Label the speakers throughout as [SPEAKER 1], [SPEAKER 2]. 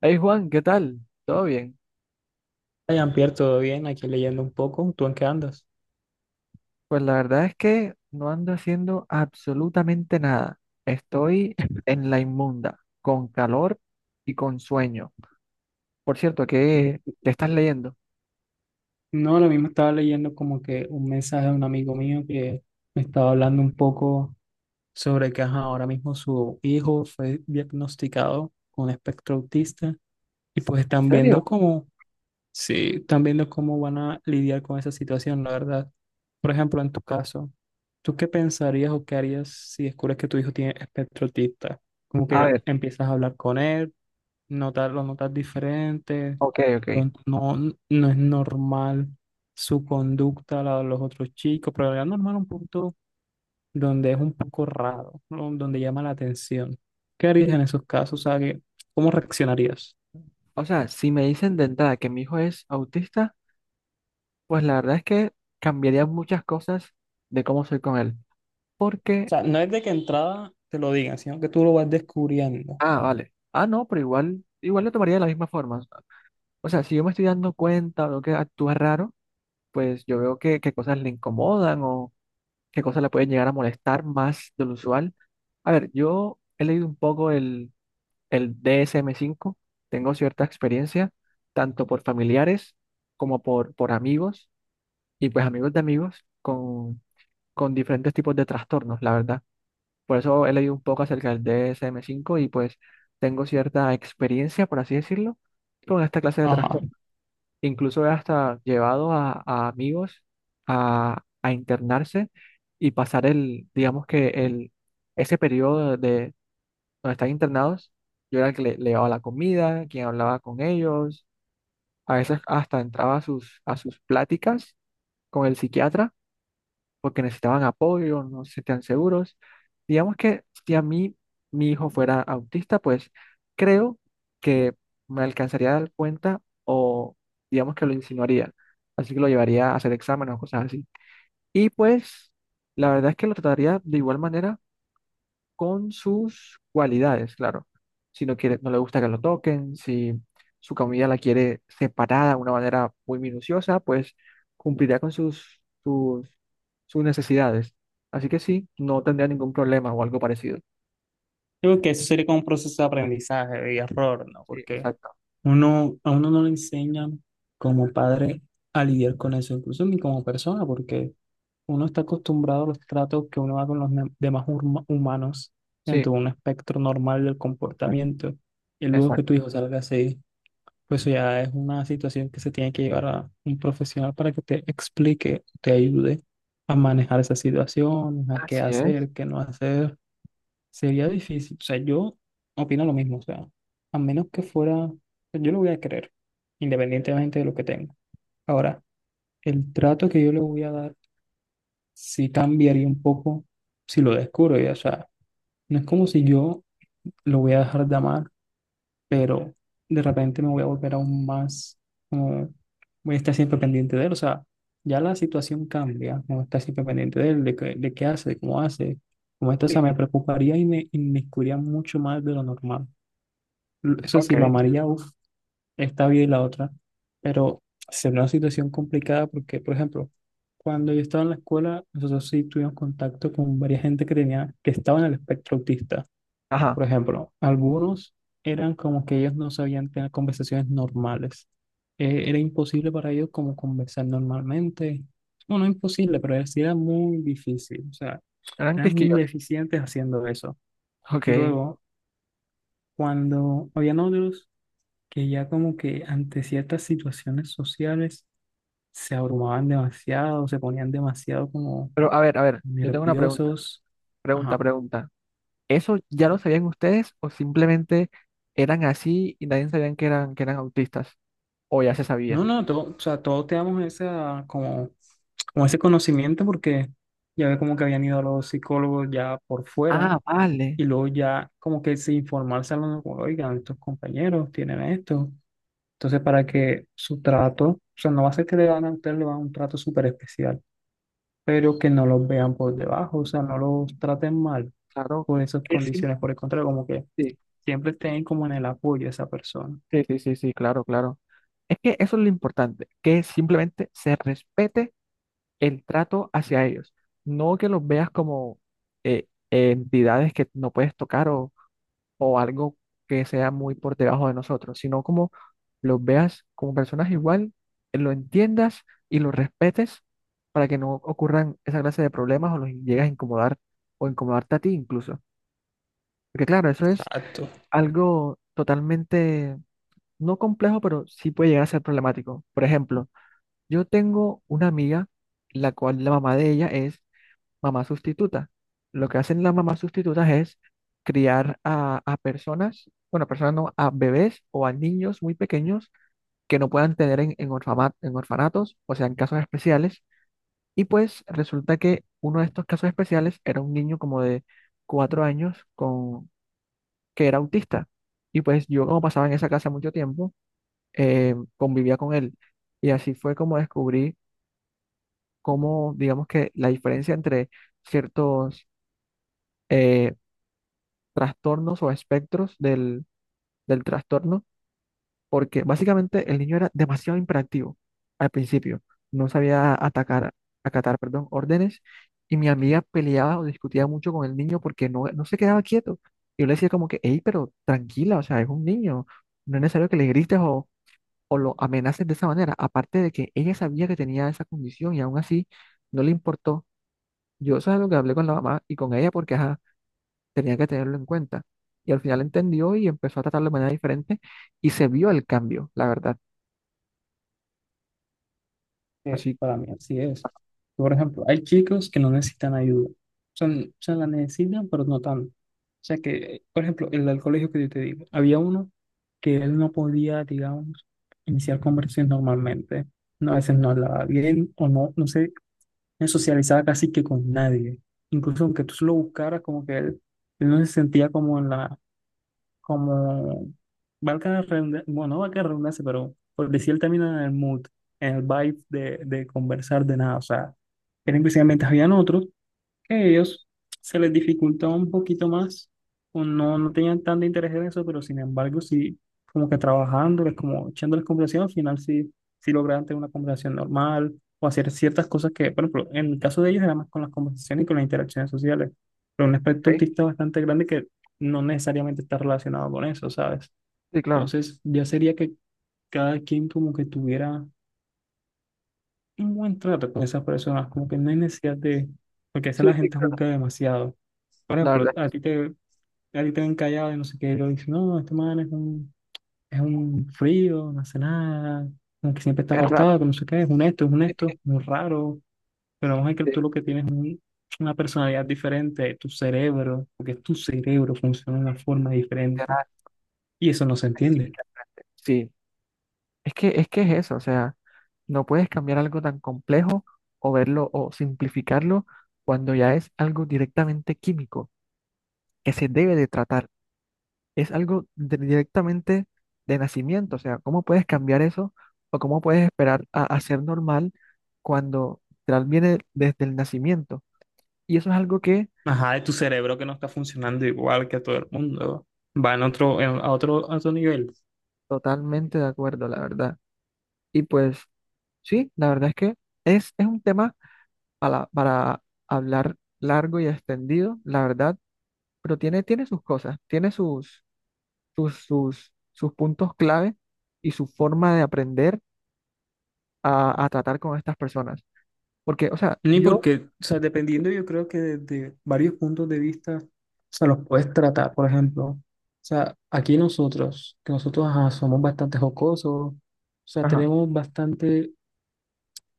[SPEAKER 1] Hey Juan, ¿qué tal? ¿Todo bien?
[SPEAKER 2] Ryan Pierre, todo bien, aquí leyendo un poco. ¿Tú en qué andas?
[SPEAKER 1] Pues la verdad es que no ando haciendo absolutamente nada. Estoy en la inmunda, con calor y con sueño. Por cierto, ¿qué estás leyendo?
[SPEAKER 2] No, lo mismo estaba leyendo como que un mensaje de un amigo mío que me estaba hablando un poco sobre que ajá, ahora mismo su hijo fue diagnosticado con espectro autista y pues
[SPEAKER 1] ¿En
[SPEAKER 2] están viendo
[SPEAKER 1] serio?
[SPEAKER 2] cómo, sí, están viendo cómo van a lidiar con esa situación, la verdad. Por ejemplo, en tu caso, ¿tú qué pensarías o qué harías si descubres que tu hijo tiene espectro autista? Como
[SPEAKER 1] A
[SPEAKER 2] que
[SPEAKER 1] ver,
[SPEAKER 2] empiezas a hablar con él, notar, lo notas diferente,
[SPEAKER 1] ok, ok.
[SPEAKER 2] pronto no, no es normal su conducta, la de los otros chicos, pero es normal un punto donde es un poco raro, ¿no? Donde llama la atención. ¿Qué harías en esos casos? O sea, ¿cómo reaccionarías?
[SPEAKER 1] O sea, si me dicen de entrada que mi hijo es autista, pues la verdad es que cambiaría muchas cosas de cómo soy con él.
[SPEAKER 2] O
[SPEAKER 1] Porque,
[SPEAKER 2] sea, no es de que entrada te lo digan, sino que tú lo vas descubriendo.
[SPEAKER 1] ah, vale. Ah, no, pero igual, igual lo tomaría de la misma forma. O sea, si yo me estoy dando cuenta o veo que actúa raro, pues yo veo qué cosas le incomodan o qué cosas le pueden llegar a molestar más de lo usual. A ver, yo he leído un poco el DSM-5, tengo cierta experiencia, tanto por familiares como por amigos y pues amigos de amigos con diferentes tipos de trastornos, la verdad. Por eso he leído un poco acerca del DSM-5 y pues tengo cierta experiencia, por así decirlo, con esta clase de
[SPEAKER 2] Ajá.
[SPEAKER 1] trastornos, incluso hasta llevados a amigos a internarse y pasar digamos que ese periodo de donde están internados. Yo era el que le llevaba la comida, quien hablaba con ellos, a veces hasta entraba a sus pláticas con el psiquiatra porque necesitaban apoyo, no se sentían seguros. Digamos que si a mí mi hijo fuera autista, pues creo que me alcanzaría a dar cuenta o digamos que lo insinuaría. Así que lo llevaría a hacer exámenes o cosas así. Y pues la verdad es que lo trataría de igual manera, con sus cualidades, claro. Si no quiere, no le gusta que lo toquen; si su comida la quiere separada de una manera muy minuciosa, pues cumplirá con sus necesidades. Así que sí, no tendría ningún problema o algo parecido.
[SPEAKER 2] Creo que eso sería como un proceso de aprendizaje y error, ¿no?
[SPEAKER 1] Sí,
[SPEAKER 2] Porque
[SPEAKER 1] exacto.
[SPEAKER 2] a uno no le enseñan como padre a lidiar con eso, incluso ni como persona, porque uno está acostumbrado a los tratos que uno da con los demás humanos
[SPEAKER 1] Sí,
[SPEAKER 2] dentro de un espectro normal del comportamiento. Y luego que tu
[SPEAKER 1] exacto.
[SPEAKER 2] hijo salga así, pues eso ya es una situación que se tiene que llevar a un profesional para que te explique, te ayude a manejar esas situaciones, a qué
[SPEAKER 1] Así es.
[SPEAKER 2] hacer, qué no hacer. Sería difícil. O sea, yo opino lo mismo. O sea, a menos que fuera, yo lo voy a querer, independientemente de lo que tenga. Ahora, el trato que yo le voy a dar sí cambiaría un poco si lo descubro ya. O sea, no es como si yo lo voy a dejar de amar, pero de repente me voy a volver aún más, como, voy a estar siempre pendiente de él. O sea, ya la situación cambia, no estar siempre pendiente de él, de qué hace, de cómo hace. Como esto, o
[SPEAKER 1] Sí,
[SPEAKER 2] sea, me preocuparía y me inmiscuiría mucho más de lo normal. Eso
[SPEAKER 1] ok.
[SPEAKER 2] sí, lo amaría, esta vida y la otra, pero es una situación complicada porque, por ejemplo, cuando yo estaba en la escuela, nosotros sí tuvimos contacto con varias gente que tenía, que estaba en el espectro autista.
[SPEAKER 1] Ajá,
[SPEAKER 2] Por ejemplo, algunos eran como que ellos no sabían tener conversaciones normales. Era imposible para ellos como conversar normalmente. Bueno, no imposible, sí era muy difícil. O sea,
[SPEAKER 1] eran
[SPEAKER 2] eran
[SPEAKER 1] quisquillos.
[SPEAKER 2] deficientes haciendo eso. Y
[SPEAKER 1] Ok.
[SPEAKER 2] luego, cuando habían otros que ya como que ante ciertas situaciones sociales se abrumaban demasiado, se ponían demasiado como
[SPEAKER 1] Pero a ver, yo tengo una pregunta,
[SPEAKER 2] nerviosos.
[SPEAKER 1] pregunta,
[SPEAKER 2] Ajá.
[SPEAKER 1] pregunta. ¿Eso ya lo sabían ustedes o simplemente eran así y nadie sabían que eran autistas? O ya se
[SPEAKER 2] No,
[SPEAKER 1] sabía.
[SPEAKER 2] no, todo, o sea, todos teníamos esa, como, como ese conocimiento porque ya ve como que habían ido a los psicólogos ya por fuera
[SPEAKER 1] Ah, vale.
[SPEAKER 2] y luego ya como que se informarse a los, oigan, estos compañeros tienen esto. Entonces, para que su trato, o sea, no va a ser que le van a ustedes le van a un trato súper especial, pero que no los vean por debajo, o sea, no los traten mal
[SPEAKER 1] Claro.
[SPEAKER 2] por esas
[SPEAKER 1] Que sí.
[SPEAKER 2] condiciones. Por el contrario, como que
[SPEAKER 1] Sí,
[SPEAKER 2] siempre tener como en el apoyo de esa persona.
[SPEAKER 1] sí, sí, sí, sí, claro, claro. Es que eso es lo importante, que simplemente se respete el trato hacia ellos. No que los veas como entidades que no puedes tocar o algo que sea muy por debajo de nosotros, sino como los veas como personas igual, lo entiendas y los respetes para que no ocurran esa clase de problemas o los llegues a incomodar o incomodarte a ti incluso. Porque claro, eso es
[SPEAKER 2] Exacto,
[SPEAKER 1] algo totalmente, no complejo, pero sí puede llegar a ser problemático. Por ejemplo, yo tengo una amiga, la cual la mamá de ella es mamá sustituta. Lo que hacen las mamás sustitutas es criar a personas, bueno, personas no, a bebés o a niños muy pequeños que no puedan tener en, en orfanatos, o sea, en casos especiales. Y pues resulta que uno de estos casos especiales era un niño como de 4 años que era autista. Y pues yo como pasaba en esa casa mucho tiempo, convivía con él. Y así fue como descubrí cómo, digamos que la diferencia entre ciertos eh, trastornos o espectros del trastorno, porque básicamente el niño era demasiado imperativo al principio. No sabía atacar, acatar, perdón, órdenes. Y mi amiga peleaba o discutía mucho con el niño porque no, no se quedaba quieto. Y yo le decía como que, hey, pero tranquila, o sea, es un niño, no es necesario que le grites o lo amenacen de esa manera. Aparte de que ella sabía que tenía esa condición y aún así no le importó. Yo eso es lo que hablé con la mamá y con ella porque ajá, tenía que tenerlo en cuenta. Y al final entendió y empezó a tratarlo de manera diferente y se vio el cambio, la verdad.
[SPEAKER 2] que
[SPEAKER 1] Así
[SPEAKER 2] para mí así es. Por ejemplo, hay chicos que no necesitan ayuda. O sea, o sea, la necesitan, pero no tanto. O sea que, por ejemplo, el del colegio que yo te digo, había uno que él no podía, digamos, iniciar conversaciones normalmente. No, a veces no hablaba bien o no, no sé, no socializaba casi que con nadie. Incluso aunque tú lo buscaras, como que él no se sentía como en la, como, valga la redundancia, bueno, no valga la redundancia, pero por decir el término, en el mood, en el vibe de conversar de nada, o sea, eran precisamente, habían otros que a ellos se les dificultaba un poquito más, o no, no tenían tanto interés en eso, pero sin embargo sí, como que trabajándoles, como echándoles conversación, al final sí, sí lograban tener una conversación normal, o hacer ciertas cosas que, por ejemplo, en el caso de ellos era más con las conversaciones y con las interacciones sociales, pero un aspecto
[SPEAKER 1] que,
[SPEAKER 2] autista bastante grande que no necesariamente está relacionado con eso, ¿sabes?
[SPEAKER 1] sí, claro.
[SPEAKER 2] Entonces, ya sería que cada quien como que tuviera un buen trato con esas personas, como que no hay necesidad de, porque a veces
[SPEAKER 1] Sí,
[SPEAKER 2] la
[SPEAKER 1] sí,
[SPEAKER 2] gente
[SPEAKER 1] claro.
[SPEAKER 2] juzga demasiado. Por
[SPEAKER 1] La
[SPEAKER 2] ejemplo,
[SPEAKER 1] verdad
[SPEAKER 2] a ti te ven callado y no sé qué, y lo dicen, no, este man es un frío, no hace nada, como que siempre está
[SPEAKER 1] es raro.
[SPEAKER 2] apartado, que no sé qué, es un esto, muy raro, pero vamos a ver que tú
[SPEAKER 1] Este,
[SPEAKER 2] lo que tienes es una personalidad diferente, tu cerebro, porque tu cerebro funciona de una forma diferente,
[SPEAKER 1] literal.
[SPEAKER 2] y eso no se entiende.
[SPEAKER 1] Sí, es que es eso, o sea, no puedes cambiar algo tan complejo o verlo o simplificarlo cuando ya es algo directamente químico que se debe de tratar. Es algo de- directamente de nacimiento. O sea, ¿cómo puedes cambiar eso? ¿O cómo puedes esperar a ser normal cuando literal viene desde el nacimiento? Y eso es algo que
[SPEAKER 2] Ajá, de tu cerebro que no está funcionando igual que a todo el mundo. Va en otro, a otro, a otro nivel.
[SPEAKER 1] totalmente de acuerdo, la verdad. Y pues sí, la verdad es que es un tema para hablar largo y extendido, la verdad, pero tiene, tiene sus cosas, tiene sus puntos clave y su forma de aprender a tratar con estas personas. Porque, o sea,
[SPEAKER 2] Ni
[SPEAKER 1] yo,
[SPEAKER 2] porque, o sea, dependiendo yo creo que desde varios puntos de vista, o sea, los puedes tratar, por ejemplo. O sea, aquí nosotros, que nosotros ajá, somos bastante jocosos, o sea,
[SPEAKER 1] ajá.
[SPEAKER 2] tenemos bastante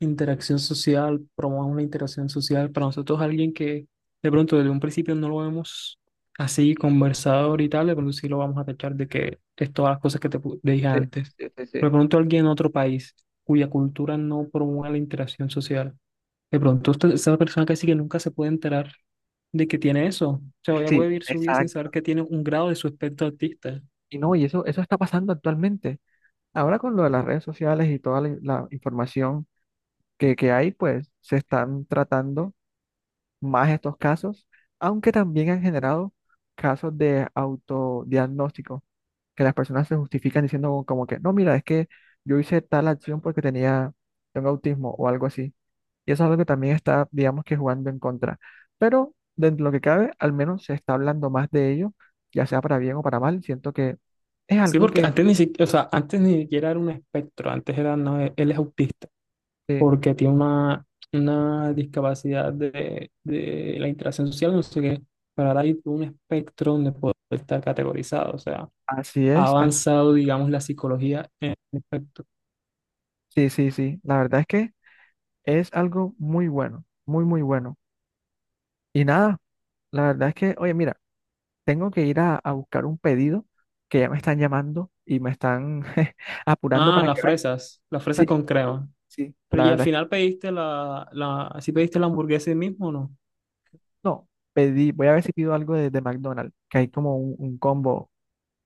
[SPEAKER 2] interacción social, promueve una interacción social. Para nosotros, alguien que de pronto desde un principio no lo vemos así conversador y tal, de pronto sí lo vamos a tachar de que es todas las cosas que te dije
[SPEAKER 1] Sí,
[SPEAKER 2] antes.
[SPEAKER 1] sí, sí,
[SPEAKER 2] Pero
[SPEAKER 1] sí.
[SPEAKER 2] de pronto alguien en otro país cuya cultura no promueve la interacción social. De pronto esa persona casi que nunca se puede enterar de que tiene eso. O sea, ella
[SPEAKER 1] Sí,
[SPEAKER 2] puede vivir su vida sin saber
[SPEAKER 1] exacto.
[SPEAKER 2] que tiene un grado de su espectro autista.
[SPEAKER 1] Y no, y eso está pasando actualmente. Ahora con lo de las redes sociales y toda la información que hay, pues se están tratando más estos casos, aunque también han generado casos de autodiagnóstico, que las personas se justifican diciendo como que, no, mira, es que yo hice tal acción porque tenía, tengo autismo o algo así. Y eso es algo que también está, digamos que jugando en contra. Pero dentro de lo que cabe, al menos se está hablando más de ello, ya sea para bien o para mal. Siento que es
[SPEAKER 2] Sí,
[SPEAKER 1] algo
[SPEAKER 2] porque
[SPEAKER 1] que,
[SPEAKER 2] antes ni siquiera, o sea, antes ni siquiera era un espectro, antes era, no, él es autista.
[SPEAKER 1] eh,
[SPEAKER 2] Porque tiene una discapacidad de la interacción social, no sé qué, pero ahora hay un espectro donde puede estar categorizado, o sea,
[SPEAKER 1] así
[SPEAKER 2] ha
[SPEAKER 1] es,
[SPEAKER 2] avanzado, digamos, la psicología en el espectro.
[SPEAKER 1] sí, sí, sí. La verdad es que es algo muy bueno, muy, muy bueno. Y nada, la verdad es que, oye, mira, tengo que ir a buscar un pedido que ya me están llamando y me están apurando
[SPEAKER 2] Ah,
[SPEAKER 1] para que veas.
[SPEAKER 2] las fresas
[SPEAKER 1] Sí,
[SPEAKER 2] con crema.
[SPEAKER 1] sí,
[SPEAKER 2] Pero
[SPEAKER 1] la
[SPEAKER 2] y al
[SPEAKER 1] verdad es que
[SPEAKER 2] final pediste la, la, ¿si pediste la hamburguesa ahí mismo o no?
[SPEAKER 1] no. Pedí, voy a ver si pido algo de McDonald's, que hay como un combo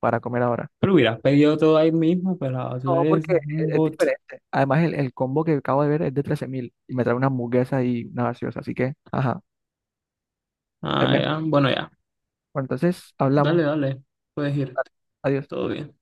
[SPEAKER 1] para comer ahora.
[SPEAKER 2] Pero hubieras pedido todo ahí mismo, pero tú
[SPEAKER 1] No,
[SPEAKER 2] eres
[SPEAKER 1] porque es,
[SPEAKER 2] un
[SPEAKER 1] es
[SPEAKER 2] bot.
[SPEAKER 1] diferente. Además, el combo que acabo de ver es de 13.000 y me trae una hamburguesa y una gaseosa, así que, ajá, es
[SPEAKER 2] Ah,
[SPEAKER 1] mejor.
[SPEAKER 2] ya, bueno, ya,
[SPEAKER 1] Bueno, entonces,
[SPEAKER 2] dale,
[SPEAKER 1] hablamos.
[SPEAKER 2] dale, puedes ir,
[SPEAKER 1] Adiós.
[SPEAKER 2] todo bien.